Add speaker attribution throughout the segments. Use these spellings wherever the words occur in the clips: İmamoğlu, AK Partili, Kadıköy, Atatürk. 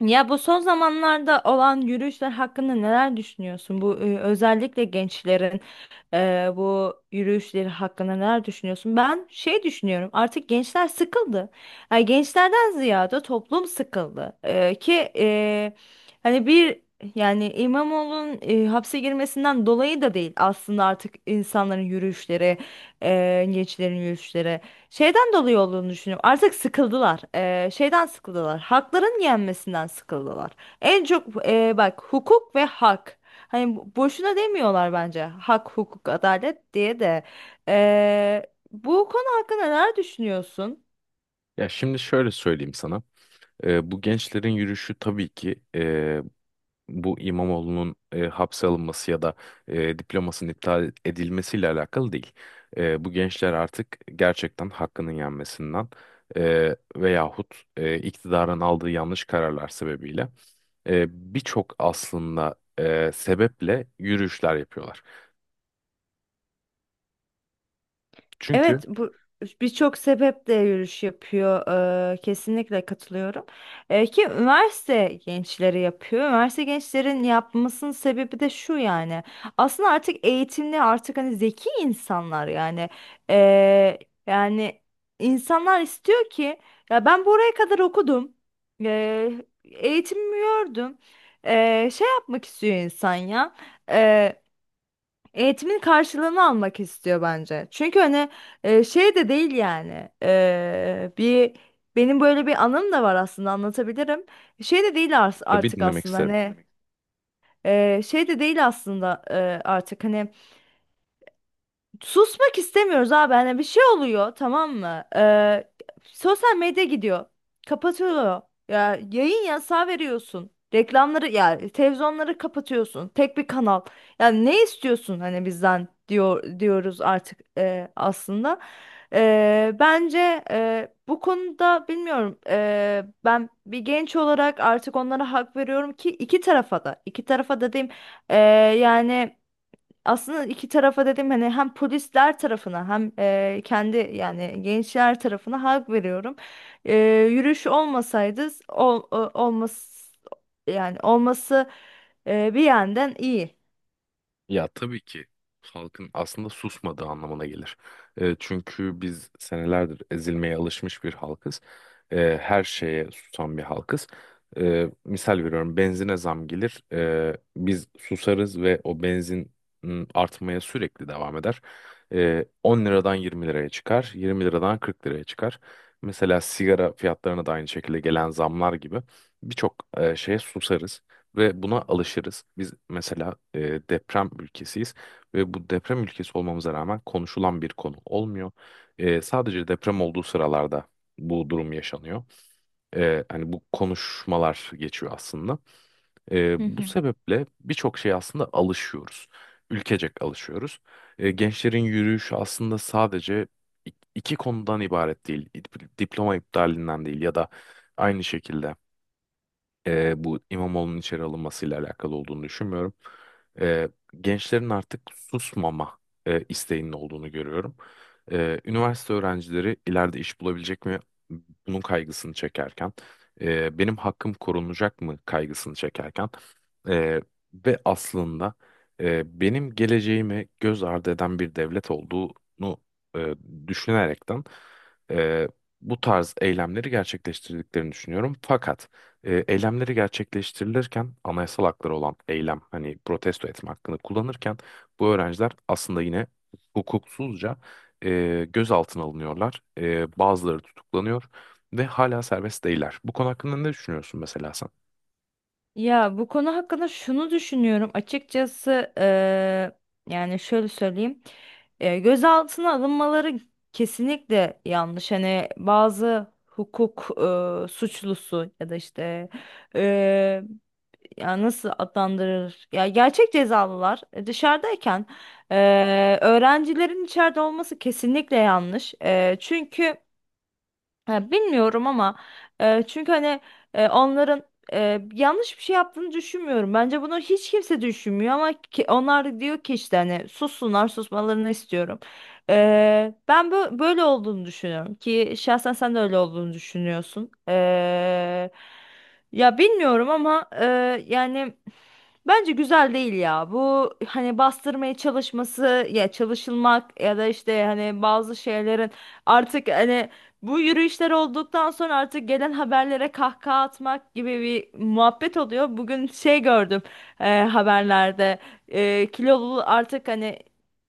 Speaker 1: Ya bu son zamanlarda olan yürüyüşler hakkında neler düşünüyorsun? Bu özellikle gençlerin bu yürüyüşleri hakkında neler düşünüyorsun? Ben şey düşünüyorum. Artık gençler sıkıldı. Yani gençlerden ziyade toplum sıkıldı. Ki hani bir yani İmamoğlu'nun hapse girmesinden dolayı da değil aslında artık insanların yürüyüşleri, gençlerin yürüyüşleri. Şeyden dolayı olduğunu düşünüyorum. Artık sıkıldılar. Şeyden sıkıldılar. Hakların yenmesinden sıkıldılar. En çok bak hukuk ve hak. Hani boşuna demiyorlar bence hak, hukuk, adalet diye de. Ee, bu konu hakkında neler düşünüyorsun?
Speaker 2: Ya şimdi şöyle söyleyeyim sana. Bu gençlerin yürüyüşü tabii ki bu İmamoğlu'nun hapse alınması ya da diplomasının iptal edilmesiyle alakalı değil. Bu gençler artık gerçekten hakkının yenmesinden veyahut iktidarın aldığı yanlış kararlar sebebiyle birçok aslında sebeple yürüyüşler yapıyorlar. Çünkü.
Speaker 1: Evet, bu birçok sebeple yürüyüş yapıyor. Kesinlikle katılıyorum. Ki üniversite gençleri yapıyor. Üniversite gençlerin yapmasının sebebi de şu yani. Aslında artık eğitimli, artık hani zeki insanlar yani. Eee, yani insanlar istiyor ki ya ben buraya kadar okudum. Eee eğitimimi gördüm. Şey yapmak istiyor insan ya. Eğitimin karşılığını almak istiyor bence. Çünkü hani şey de değil yani. Bir benim böyle bir anım da var aslında anlatabilirim. Şey de değil
Speaker 2: Tabii,
Speaker 1: artık
Speaker 2: dinlemek
Speaker 1: aslında
Speaker 2: isterim.
Speaker 1: hani şey de değil aslında artık hani susmak istemiyoruz abi. Hani bir şey oluyor tamam mı? Sosyal medya gidiyor. Kapatılıyor. Ya yayın yasağı veriyorsun. Reklamları ya televizyonları kapatıyorsun. Tek bir kanal. Ya ne istiyorsun hani bizden diyor diyoruz artık aslında. Bence bu konuda bilmiyorum. Ben bir genç olarak artık onlara hak veriyorum ki iki tarafa da. İki tarafa da diyeyim. Ee, yani aslında iki tarafa dedim hani hem polisler tarafına hem kendi yani gençler tarafına hak veriyorum. E, yürüyüş olmasaydı olmaz yani olması bir yandan iyi.
Speaker 2: Ya tabii ki halkın aslında susmadığı anlamına gelir. Çünkü biz senelerdir ezilmeye alışmış bir halkız. Her şeye susan bir halkız. Misal veriyorum, benzine zam gelir. Biz susarız ve o benzin artmaya sürekli devam eder. 10 liradan 20 liraya çıkar. 20 liradan 40 liraya çıkar. Mesela sigara fiyatlarına da aynı şekilde gelen zamlar gibi birçok şeye susarız. Ve buna alışırız. Biz mesela deprem ülkesiyiz ve bu deprem ülkesi olmamıza rağmen konuşulan bir konu olmuyor. Sadece deprem olduğu sıralarda bu durum yaşanıyor. Hani bu konuşmalar geçiyor aslında.
Speaker 1: Hı
Speaker 2: Bu
Speaker 1: hı.
Speaker 2: sebeple birçok şeye aslında alışıyoruz. Ülkecek alışıyoruz. Gençlerin yürüyüşü aslında sadece iki konudan ibaret değil. Diploma iptalinden değil ya da aynı şekilde bu İmamoğlu'nun içeri alınmasıyla alakalı olduğunu düşünmüyorum. E, Gençlerin artık susmama isteğinin olduğunu görüyorum. Üniversite öğrencileri ileride iş bulabilecek mi? Bunun kaygısını çekerken, benim hakkım korunacak mı kaygısını çekerken e, ve aslında benim geleceğimi göz ardı eden bir devlet olduğunu e, düşünerekten e, bu tarz eylemleri gerçekleştirdiklerini düşünüyorum. Fakat eylemleri gerçekleştirilirken anayasal hakları olan eylem, hani protesto etme hakkını kullanırken bu öğrenciler aslında yine hukuksuzca gözaltına alınıyorlar. Bazıları tutuklanıyor ve hala serbest değiller. Bu konu hakkında ne düşünüyorsun mesela sen?
Speaker 1: Ya bu konu hakkında şunu düşünüyorum açıkçası, yani şöyle söyleyeyim. Gözaltına alınmaları kesinlikle yanlış, hani bazı hukuk suçlusu ya da işte e, ya nasıl adlandırır? Ya gerçek cezalılar dışarıdayken öğrencilerin içeride olması kesinlikle yanlış. Çünkü ya bilmiyorum ama çünkü hani onların yanlış bir şey yaptığını düşünmüyorum. Bence bunu hiç kimse düşünmüyor ama onlar diyor ki işte hani sussunlar, susmalarını istiyorum. Ben böyle olduğunu düşünüyorum ki şahsen sen de öyle olduğunu düşünüyorsun. Ya bilmiyorum ama yani bence güzel değil ya. Bu hani bastırmaya çalışması ya çalışılmak ya da işte hani bazı şeylerin artık hani bu yürüyüşler olduktan sonra artık gelen haberlere kahkaha atmak gibi bir muhabbet oluyor. Bugün şey gördüm haberlerde kilolu artık hani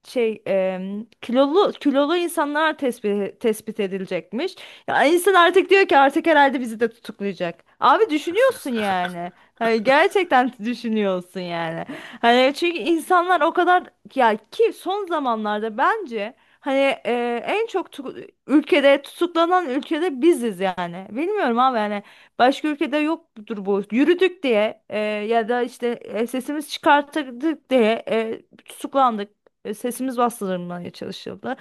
Speaker 1: şey kilolu kilolu insanlar tespit edilecekmiş. Ya insan artık diyor ki artık herhalde bizi de tutuklayacak. Abi düşünüyorsun yani. Hani gerçekten düşünüyorsun yani. Hani çünkü insanlar o kadar ya ki son zamanlarda bence hani en çok ülkede tutuklanan ülkede biziz yani. Bilmiyorum abi yani, başka ülkede yoktur bu. Yürüdük diye ya da işte sesimiz çıkarttık diye tutuklandık. Sesimiz bastırılmaya çalışıldı.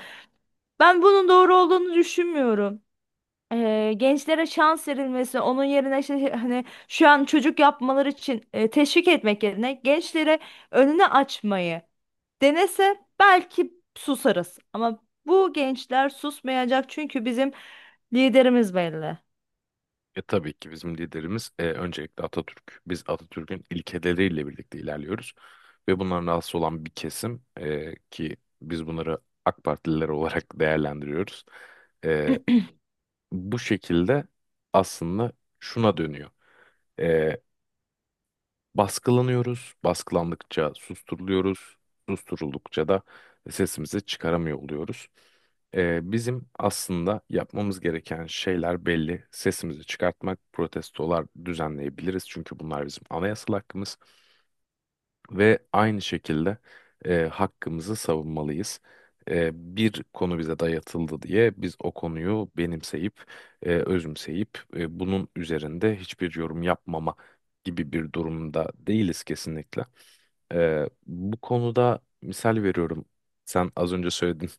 Speaker 1: Ben bunun doğru olduğunu düşünmüyorum. Gençlere şans verilmesi, onun yerine işte hani şu an çocuk yapmaları için teşvik etmek yerine gençlere önünü açmayı denese belki susarız. Ama bu gençler susmayacak çünkü bizim liderimiz belli.
Speaker 2: Tabii ki bizim liderimiz öncelikle Atatürk. Biz Atatürk'ün ilkeleriyle birlikte ilerliyoruz ve bundan rahatsız olan bir kesim ki biz bunları AK Partililer olarak değerlendiriyoruz. E, Bu şekilde aslında şuna dönüyor. Ee, Baskılanıyoruz, baskılandıkça susturuluyoruz, susturuldukça da sesimizi çıkaramıyor oluyoruz. Bizim aslında yapmamız gereken şeyler belli. Sesimizi çıkartmak, protestolar düzenleyebiliriz, çünkü bunlar bizim anayasal hakkımız ve aynı şekilde hakkımızı savunmalıyız. E, Bir konu bize dayatıldı diye biz o konuyu benimseyip, özümseyip, bunun üzerinde hiçbir yorum yapmama gibi bir durumda değiliz kesinlikle. Bu konuda misal veriyorum. Sen az önce söyledin,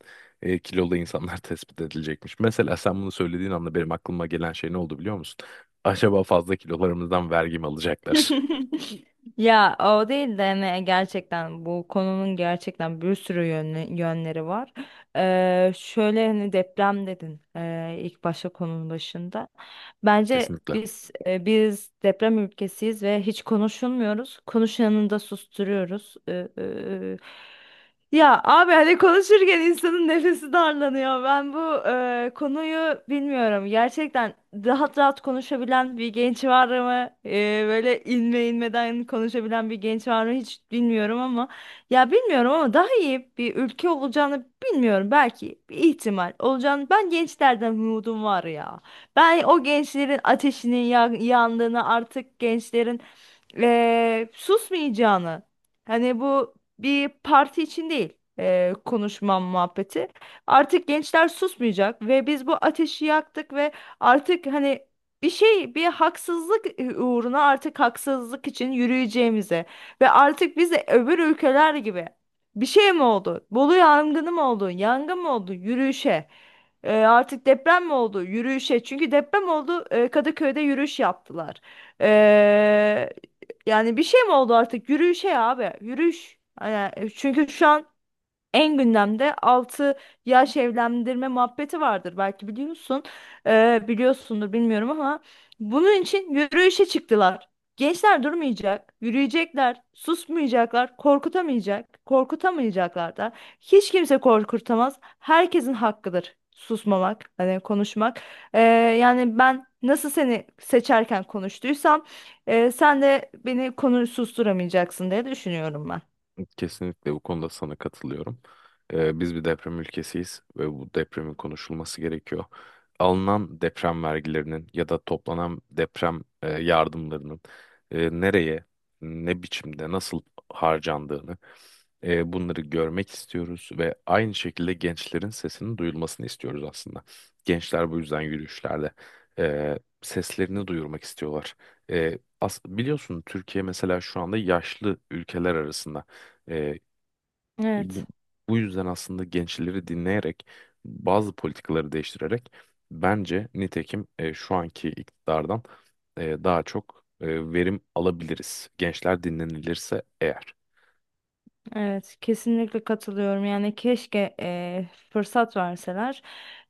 Speaker 2: kilolu insanlar tespit edilecekmiş. Mesela sen bunu söylediğin anda benim aklıma gelen şey ne oldu biliyor musun? Acaba fazla kilolarımızdan vergi mi alacaklar?
Speaker 1: Ya o değil de hani gerçekten bu konunun gerçekten bir sürü yönleri var. Şöyle hani deprem dedin ilk başta konunun başında. Bence
Speaker 2: Kesinlikle.
Speaker 1: biz biz deprem ülkesiyiz ve hiç konuşulmuyoruz. Konuşanını da susturuyoruz. Ya abi hani konuşurken insanın nefesi darlanıyor. Ben bu konuyu bilmiyorum. Gerçekten rahat rahat konuşabilen bir genç var mı? Böyle inme inmeden konuşabilen bir genç var mı? Hiç bilmiyorum ama ya bilmiyorum ama daha iyi bir ülke olacağını bilmiyorum. Belki bir ihtimal olacağını. Ben gençlerden umudum var ya. Ben o gençlerin ateşinin yandığını, artık gençlerin susmayacağını. Hani bu bir parti için değil konuşmam muhabbeti. Artık gençler susmayacak ve biz bu ateşi yaktık ve artık hani bir şey, bir haksızlık uğruna, artık haksızlık için yürüyeceğimize ve artık biz de öbür ülkeler gibi bir şey mi oldu? Bolu yangını mı oldu? Yangın mı oldu? Yürüyüşe. Artık deprem mi oldu? Yürüyüşe. Çünkü deprem oldu. Kadıköy'de yürüyüş yaptılar. E, yani bir şey mi oldu artık? Yürüyüşe ya abi. Yürüyüş. Yani çünkü şu an en gündemde 6 yaş evlendirme muhabbeti vardır, belki biliyorsun. Biliyorsundur bilmiyorum ama bunun için yürüyüşe çıktılar. Gençler durmayacak, yürüyecekler, susmayacaklar, korkutamayacak, korkutamayacaklar da. Hiç kimse korkutamaz. Herkesin hakkıdır susmamak, hani konuşmak. Ee, yani ben nasıl seni seçerken konuştuysam, sen de beni konu susturamayacaksın diye düşünüyorum ben.
Speaker 2: Kesinlikle bu konuda sana katılıyorum. Biz bir deprem ülkesiyiz ve bu depremin konuşulması gerekiyor. Alınan deprem vergilerinin ya da toplanan deprem yardımlarının nereye, ne biçimde, nasıl harcandığını, bunları görmek istiyoruz ve aynı şekilde gençlerin sesinin duyulmasını istiyoruz aslında. Gençler bu yüzden yürüyüşlerde seslerini duyurmak istiyorlar. Biliyorsun, Türkiye mesela şu anda yaşlı ülkeler arasında. Ee, bu,
Speaker 1: Evet.
Speaker 2: bu yüzden aslında gençleri dinleyerek, bazı politikaları değiştirerek, bence nitekim şu anki iktidardan daha çok verim alabiliriz. Gençler dinlenilirse eğer.
Speaker 1: Evet, kesinlikle katılıyorum. Yani keşke fırsat verseler,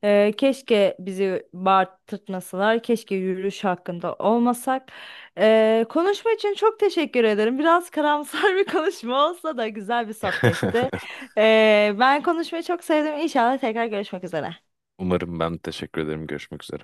Speaker 1: keşke bizi bağırtmasalar, keşke yürüyüş hakkında olmasak. Konuşma için çok teşekkür ederim. Biraz karamsar bir konuşma olsa da güzel bir sohbetti. Ben konuşmayı çok sevdim. İnşallah tekrar görüşmek üzere.
Speaker 2: Umarım. Ben teşekkür ederim. Görüşmek üzere.